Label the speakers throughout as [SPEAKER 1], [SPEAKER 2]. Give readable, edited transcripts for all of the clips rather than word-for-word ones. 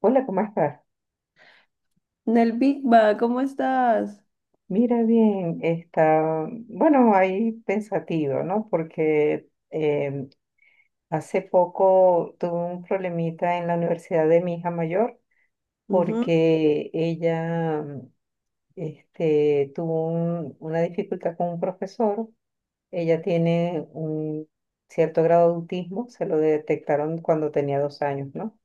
[SPEAKER 1] Hola, ¿cómo estás?
[SPEAKER 2] Nel Big Bang, ¿cómo estás?
[SPEAKER 1] Mira bien, está, bueno, ahí pensativo, ¿no? Porque hace poco tuve un problemita en la universidad de mi hija mayor
[SPEAKER 2] Ujú.
[SPEAKER 1] porque ella tuvo una dificultad con un profesor. Ella tiene un cierto grado de autismo, se lo detectaron cuando tenía 2 años, ¿no?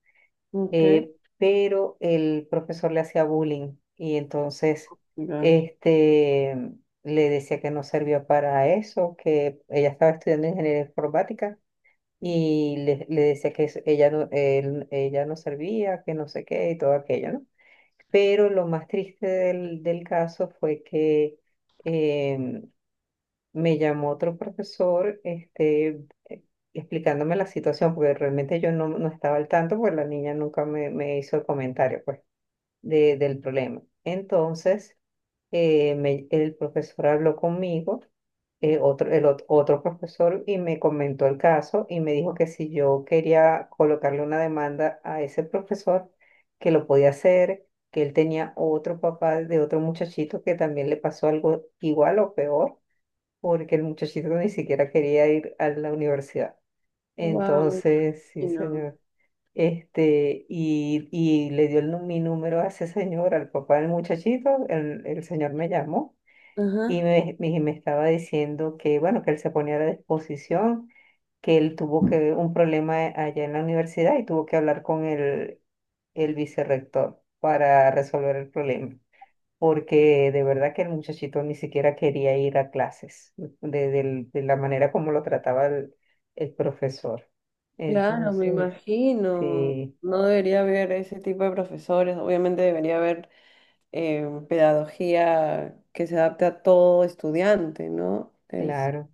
[SPEAKER 2] Ok.
[SPEAKER 1] eh, pero el profesor le hacía bullying y entonces
[SPEAKER 2] Ya.
[SPEAKER 1] este, le decía que no servía para eso, que ella estaba estudiando ingeniería informática y le decía que ella no servía, que no sé qué y todo aquello, ¿no? Pero lo más triste del caso fue que... em, me llamó otro profesoreh, explicándome la situación, porque realmente yo no, no estaba al tanto, porque la niña nunca me hizo el comentario, pues, del problema. Entonces, el profesor habló conmigo, otro profesor, y me comentó el caso y me dijo que si yo quería colocarle una demanda a ese profesor, que lo podía hacer, que él tenía otro papá de otro muchachito que también le pasó algo igual o peor porque el muchachito ni siquiera quería ir a la universidad.
[SPEAKER 2] Wow, me
[SPEAKER 1] Entonces, sí,
[SPEAKER 2] imagino.
[SPEAKER 1] señor. Y le dio mi número a ese señor, al papá del muchachito. El señor me llamó y
[SPEAKER 2] Ajá.
[SPEAKER 1] me estaba diciendo que, bueno, que él se ponía a la disposición, que él tuvo un problema allá en la universidad y tuvo que hablar con el vicerrector para resolver el problema porque de verdad que el muchachito ni siquiera quería ir a clases, de la manera como lo trataba el profesor.
[SPEAKER 2] Claro, me
[SPEAKER 1] Entonces,
[SPEAKER 2] imagino.
[SPEAKER 1] sí,
[SPEAKER 2] No debería haber ese tipo de profesores. Obviamente debería haber pedagogía que se adapte a todo estudiante, ¿no? Es...
[SPEAKER 1] claro.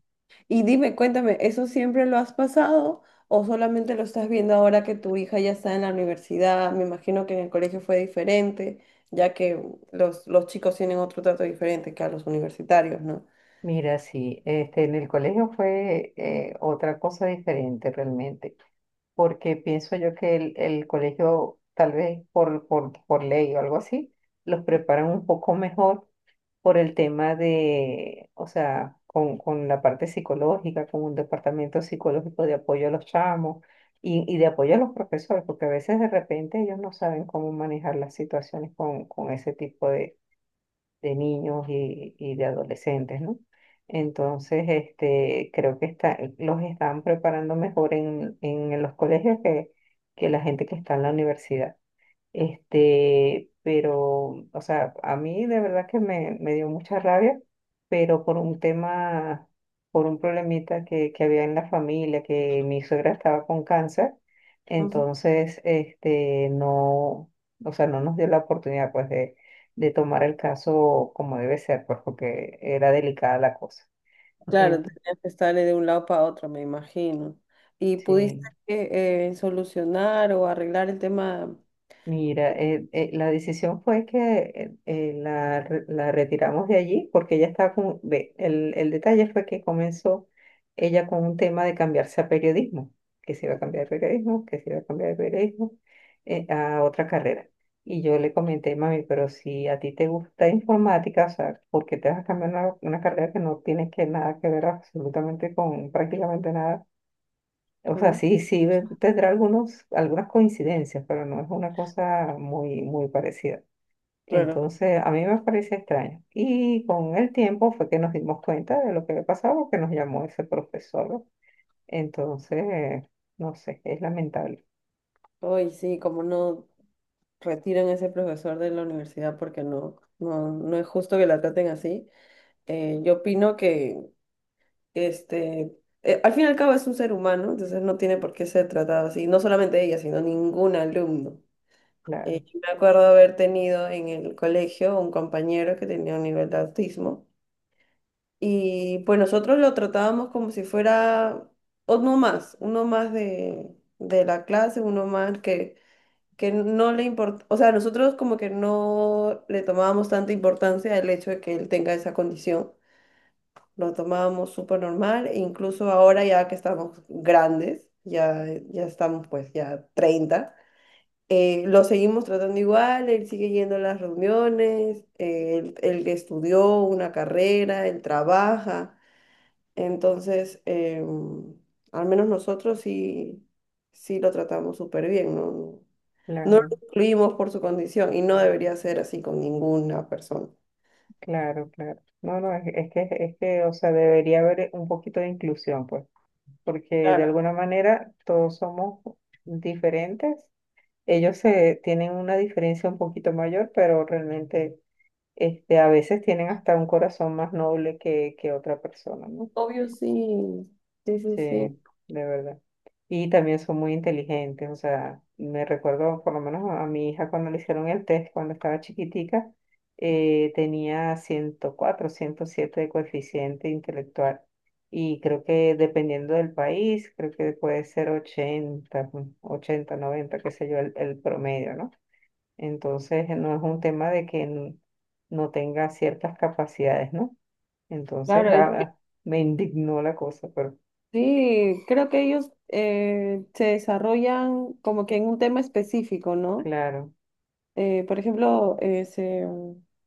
[SPEAKER 2] Y dime, cuéntame, ¿eso siempre lo has pasado o solamente lo estás viendo ahora que tu hija ya está en la universidad? Me imagino que en el colegio fue diferente, ya que los chicos tienen otro trato diferente que a los universitarios, ¿no?
[SPEAKER 1] Mira, sí, en el colegio fue otra cosa diferente realmente, porque pienso yo que el colegio, tal vez por ley o algo así, los preparan un poco mejor por el tema de, o sea, con la parte psicológica, con un departamento psicológico de apoyo a los chamos y de apoyo a los profesores, porque a veces de repente ellos no saben cómo manejar las situaciones con ese tipo de niños y de adolescentes, ¿no? Entonces, creo que los están preparando mejor en los colegios que la gente que está en la universidad. Pero, o sea, a mí de verdad que me dio mucha rabia, pero por un tema, por un problemita que había en la familia, que mi suegra estaba con cáncer,
[SPEAKER 2] Ujú.
[SPEAKER 1] entonces, no, o sea, no nos dio la oportunidad, pues, de tomar el caso como debe ser, pues, porque era delicada la cosa.
[SPEAKER 2] Claro, tenías que estarle de un lado para otro, me imagino. ¿Y pudiste
[SPEAKER 1] Entonces,
[SPEAKER 2] solucionar o arreglar el tema?
[SPEAKER 1] mira, la decisión fue que la retiramos de allí porque ella estaba con, el detalle fue que comenzó ella con un tema de cambiarse a periodismo, que se iba a cambiar de periodismo, que se iba a cambiar de periodismo a otra carrera. Y yo le comenté, mami, pero si a ti te gusta informática, o sea, ¿por qué te vas a cambiar una carrera que no tiene que nada que ver absolutamente con prácticamente nada? O sea,
[SPEAKER 2] Claro.
[SPEAKER 1] sí, sí, tendrá algunas coincidencias, pero no es una cosa muy, muy parecida.
[SPEAKER 2] Claro.
[SPEAKER 1] Entonces, a mí me parecía extraño. Y con el tiempo fue que nos dimos cuenta de lo que había pasado, porque nos llamó ese profesor, ¿no? Entonces, no sé, es lamentable.
[SPEAKER 2] Hoy sí, como no retiran a ese profesor de la universidad? Porque no, no, no es justo que la traten así. Yo opino que este, al fin y al cabo es un ser humano, entonces no tiene por qué ser tratado así, no solamente ella, sino ningún alumno.
[SPEAKER 1] Claro,
[SPEAKER 2] Yo me acuerdo haber tenido en el colegio un compañero que tenía un nivel de autismo, y pues nosotros lo tratábamos como si fuera uno más, de la clase, uno más que no le importa, o sea, nosotros como que no le tomábamos tanta importancia el hecho de que él tenga esa condición. Lo tomábamos súper normal, e incluso ahora ya que estamos grandes, ya, ya estamos pues ya treinta. Lo seguimos tratando igual, él sigue yendo a las reuniones, él estudió una carrera, él trabaja. entonces em, Al menos nosotros sí, sí lo tratamos súper bien, ¿no? No lo
[SPEAKER 1] claro,
[SPEAKER 2] excluimos por su condición y no debería ser así con ninguna persona.
[SPEAKER 1] claro, claro. No, no, es que, o sea, debería haber un poquito de inclusión, pues, porque de
[SPEAKER 2] Claro.
[SPEAKER 1] alguna manera todos somos diferentes. Ellos se tienen una diferencia un poquito mayor, pero realmente a veces tienen hasta un corazón más noble que otra persona, ¿no?
[SPEAKER 2] Obvio, sí. Sí, sí,
[SPEAKER 1] Sí,
[SPEAKER 2] sí.
[SPEAKER 1] de verdad. Y también son muy inteligentes, o sea, me recuerdo por lo menos a mi hija cuando le hicieron el test, cuando estaba chiquitica, tenía 104, 107 de coeficiente intelectual. Y creo que dependiendo del país, creo que puede ser 80, 80, 90, qué sé yo, el promedio, ¿no? Entonces, no es un tema de no tenga ciertas capacidades, ¿no? Entonces,
[SPEAKER 2] Claro, es que
[SPEAKER 1] ah, me indignó la cosa, pero
[SPEAKER 2] sí, creo que ellos se desarrollan como que en un tema específico, ¿no?
[SPEAKER 1] claro,
[SPEAKER 2] Por ejemplo,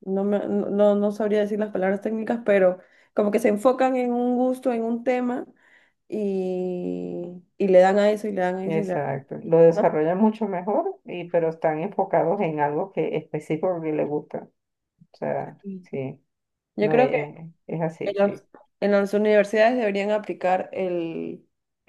[SPEAKER 2] no, no, no sabría decir las palabras técnicas, pero como que se enfocan en un gusto, en un tema, y le dan a eso, y le dan a eso, y le dan,
[SPEAKER 1] exacto. Lo
[SPEAKER 2] ¿no?
[SPEAKER 1] desarrollan mucho mejor, pero están enfocados en algo que específico que le gusta. O sea,
[SPEAKER 2] Sí.
[SPEAKER 1] sí,
[SPEAKER 2] Yo
[SPEAKER 1] no,
[SPEAKER 2] creo que...
[SPEAKER 1] es,
[SPEAKER 2] En
[SPEAKER 1] así,
[SPEAKER 2] las,
[SPEAKER 1] sí,
[SPEAKER 2] en las universidades deberían aplicar el,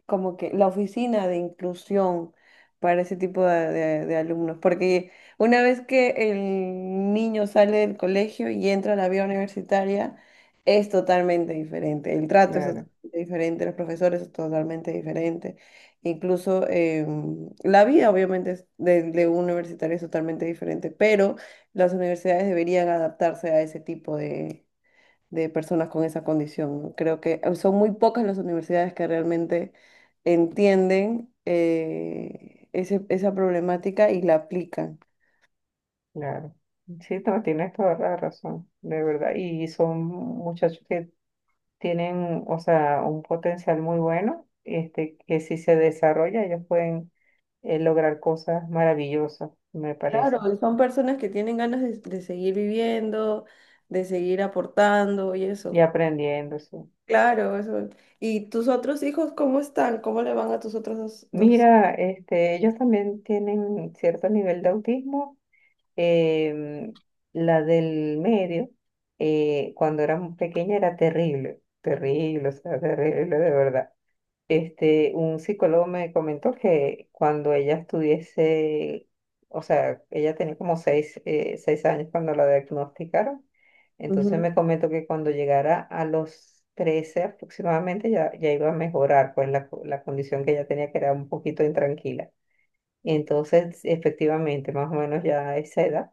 [SPEAKER 2] como que la oficina de inclusión para ese tipo de, de alumnos, porque una vez que el niño sale del colegio y entra a la vida universitaria, es totalmente diferente. El trato es totalmente
[SPEAKER 1] claro,
[SPEAKER 2] diferente, los profesores es totalmente diferente. Incluso la vida, obviamente, es de un universitario es totalmente diferente, pero las universidades deberían adaptarse a ese tipo de personas con esa condición, ¿no? Creo que son muy pocas las universidades que realmente entienden esa problemática y la aplican.
[SPEAKER 1] claro. Sí, no, tienes toda la razón, de verdad. Y son muchachos que tienen, o sea, un potencial muy bueno, que si se desarrolla, ellos pueden lograr cosas maravillosas, me
[SPEAKER 2] Claro,
[SPEAKER 1] parece,
[SPEAKER 2] y son personas que tienen ganas de seguir viviendo, de seguir aportando y
[SPEAKER 1] y
[SPEAKER 2] eso.
[SPEAKER 1] aprendiendo, sí.
[SPEAKER 2] Claro, eso. ¿Y tus otros hijos cómo están? ¿Cómo le van a tus otros dos? ¿Dos?
[SPEAKER 1] Mira, ellos también tienen cierto nivel de autismo. em, la del medio, cuando era pequeña, era terrible, terrible, o sea, terrible de verdad. Un psicólogo me comentó que cuando ella estuviese, o sea, ella tenía como 6 años cuando la diagnosticaron, entonces
[SPEAKER 2] Ujú.
[SPEAKER 1] me comentó que cuando llegara a los 13 aproximadamente ya, ya iba a mejorar, pues la condición que ella tenía que era un poquito intranquila. Entonces, efectivamente, más o menos ya a esa edad,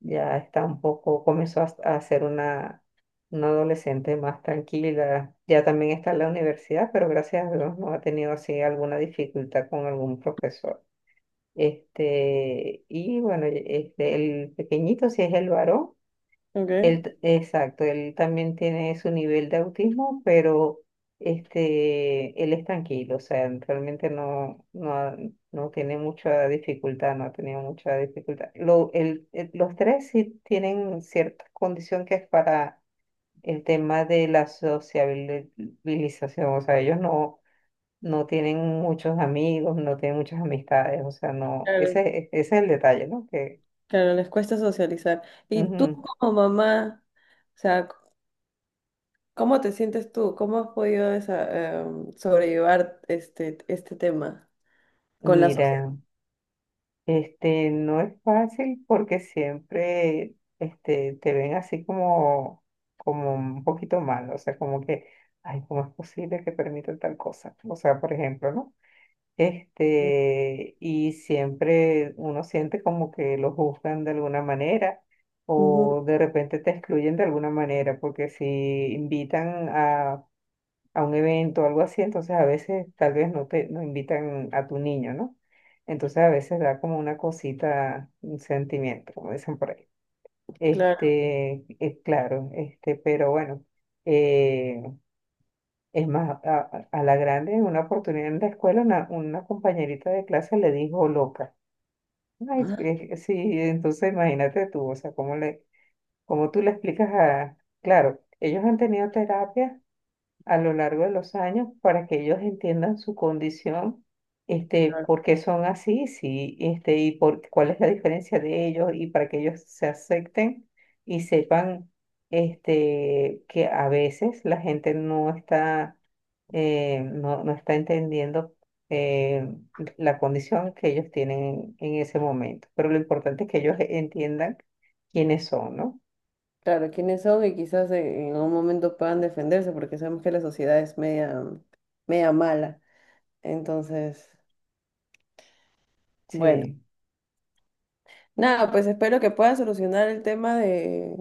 [SPEAKER 1] ya está un poco, comenzó a ser una adolescente más tranquila. Ya también está en la universidad, pero gracias a Dios no ha tenido así alguna dificultad con algún profesor. Y bueno, el pequeñito, si es el varón,
[SPEAKER 2] Ok.
[SPEAKER 1] exacto, él también tiene su nivel de autismo, pero él es tranquilo, o sea, realmente no, no, no tiene mucha dificultad, no ha tenido mucha dificultad. Los tres sí tienen cierta condición que es para el tema de la sociabilización, o sea, ellos no, no tienen muchos amigos, no tienen muchas amistades, o sea, no,
[SPEAKER 2] Claro,
[SPEAKER 1] ese es el detalle, ¿no? Que,
[SPEAKER 2] claro, les cuesta socializar. ¿Y tú
[SPEAKER 1] ujú,
[SPEAKER 2] como mamá? O sea, ¿cómo te sientes tú? ¿Cómo has podido sobrellevar este tema con la sociedad?
[SPEAKER 1] mira. No es fácil porque siempre te ven así como, como un poquito mal, o sea, como que, ay, ¿cómo es posible que permitan tal cosa? O sea, por ejemplo, ¿no? Y siempre uno siente como que lo juzgan de alguna manera
[SPEAKER 2] Ujú.
[SPEAKER 1] o de repente te excluyen de alguna manera, porque si invitan a un evento o algo así, entonces a veces tal vez no te no invitan a tu niño, ¿no? Entonces a veces da como una cosita, un sentimiento, como dicen por ahí.
[SPEAKER 2] Claro.
[SPEAKER 1] Es claro, pero bueno, eh, es más, a, la grande, en una oportunidad en la escuela, una compañerita de clase le dijo loca. Ay,
[SPEAKER 2] Ah.
[SPEAKER 1] sí, entonces imagínate tú, o sea, cómo tú le explicas a, claro, ellos han tenido terapia a lo largo de los años para que ellos entiendan su condición,
[SPEAKER 2] Claro,
[SPEAKER 1] por qué son así, sí, y por cuál es la diferencia de ellos y para que ellos se acepten y sepan que a veces la gente no está, no, no está entendiendo eh, la condición que ellos tienen en ese momento. Pero lo importante es que ellos entiendan quiénes son, ¿no?
[SPEAKER 2] claro, quiénes son, y quizás en un momento puedan defenderse porque sabemos que la sociedad es media, media mala. Entonces, bueno,
[SPEAKER 1] Sí.
[SPEAKER 2] nada, pues espero que puedas solucionar el tema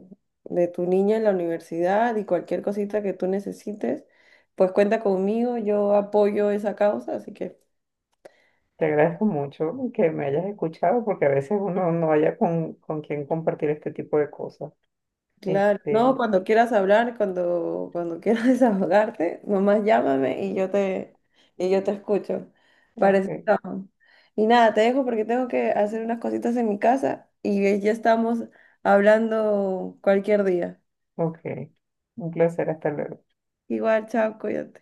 [SPEAKER 2] de tu niña en la universidad, y cualquier cosita que tú necesites, pues cuenta conmigo, yo apoyo esa causa, así que...
[SPEAKER 1] Te agradezco mucho que me hayas escuchado porque a veces uno no haya con quién compartir este tipo de cosas.
[SPEAKER 2] Claro, no,
[SPEAKER 1] Este,
[SPEAKER 2] cuando quieras hablar, cuando, cuando quieras desahogarte, nomás llámame y yo te escucho.
[SPEAKER 1] ok,
[SPEAKER 2] Parece que estamos. Y nada, te dejo porque tengo que hacer unas cositas en mi casa y ya estamos hablando cualquier día.
[SPEAKER 1] ok. Un placer, hasta luego.
[SPEAKER 2] Igual, chao, cuídate.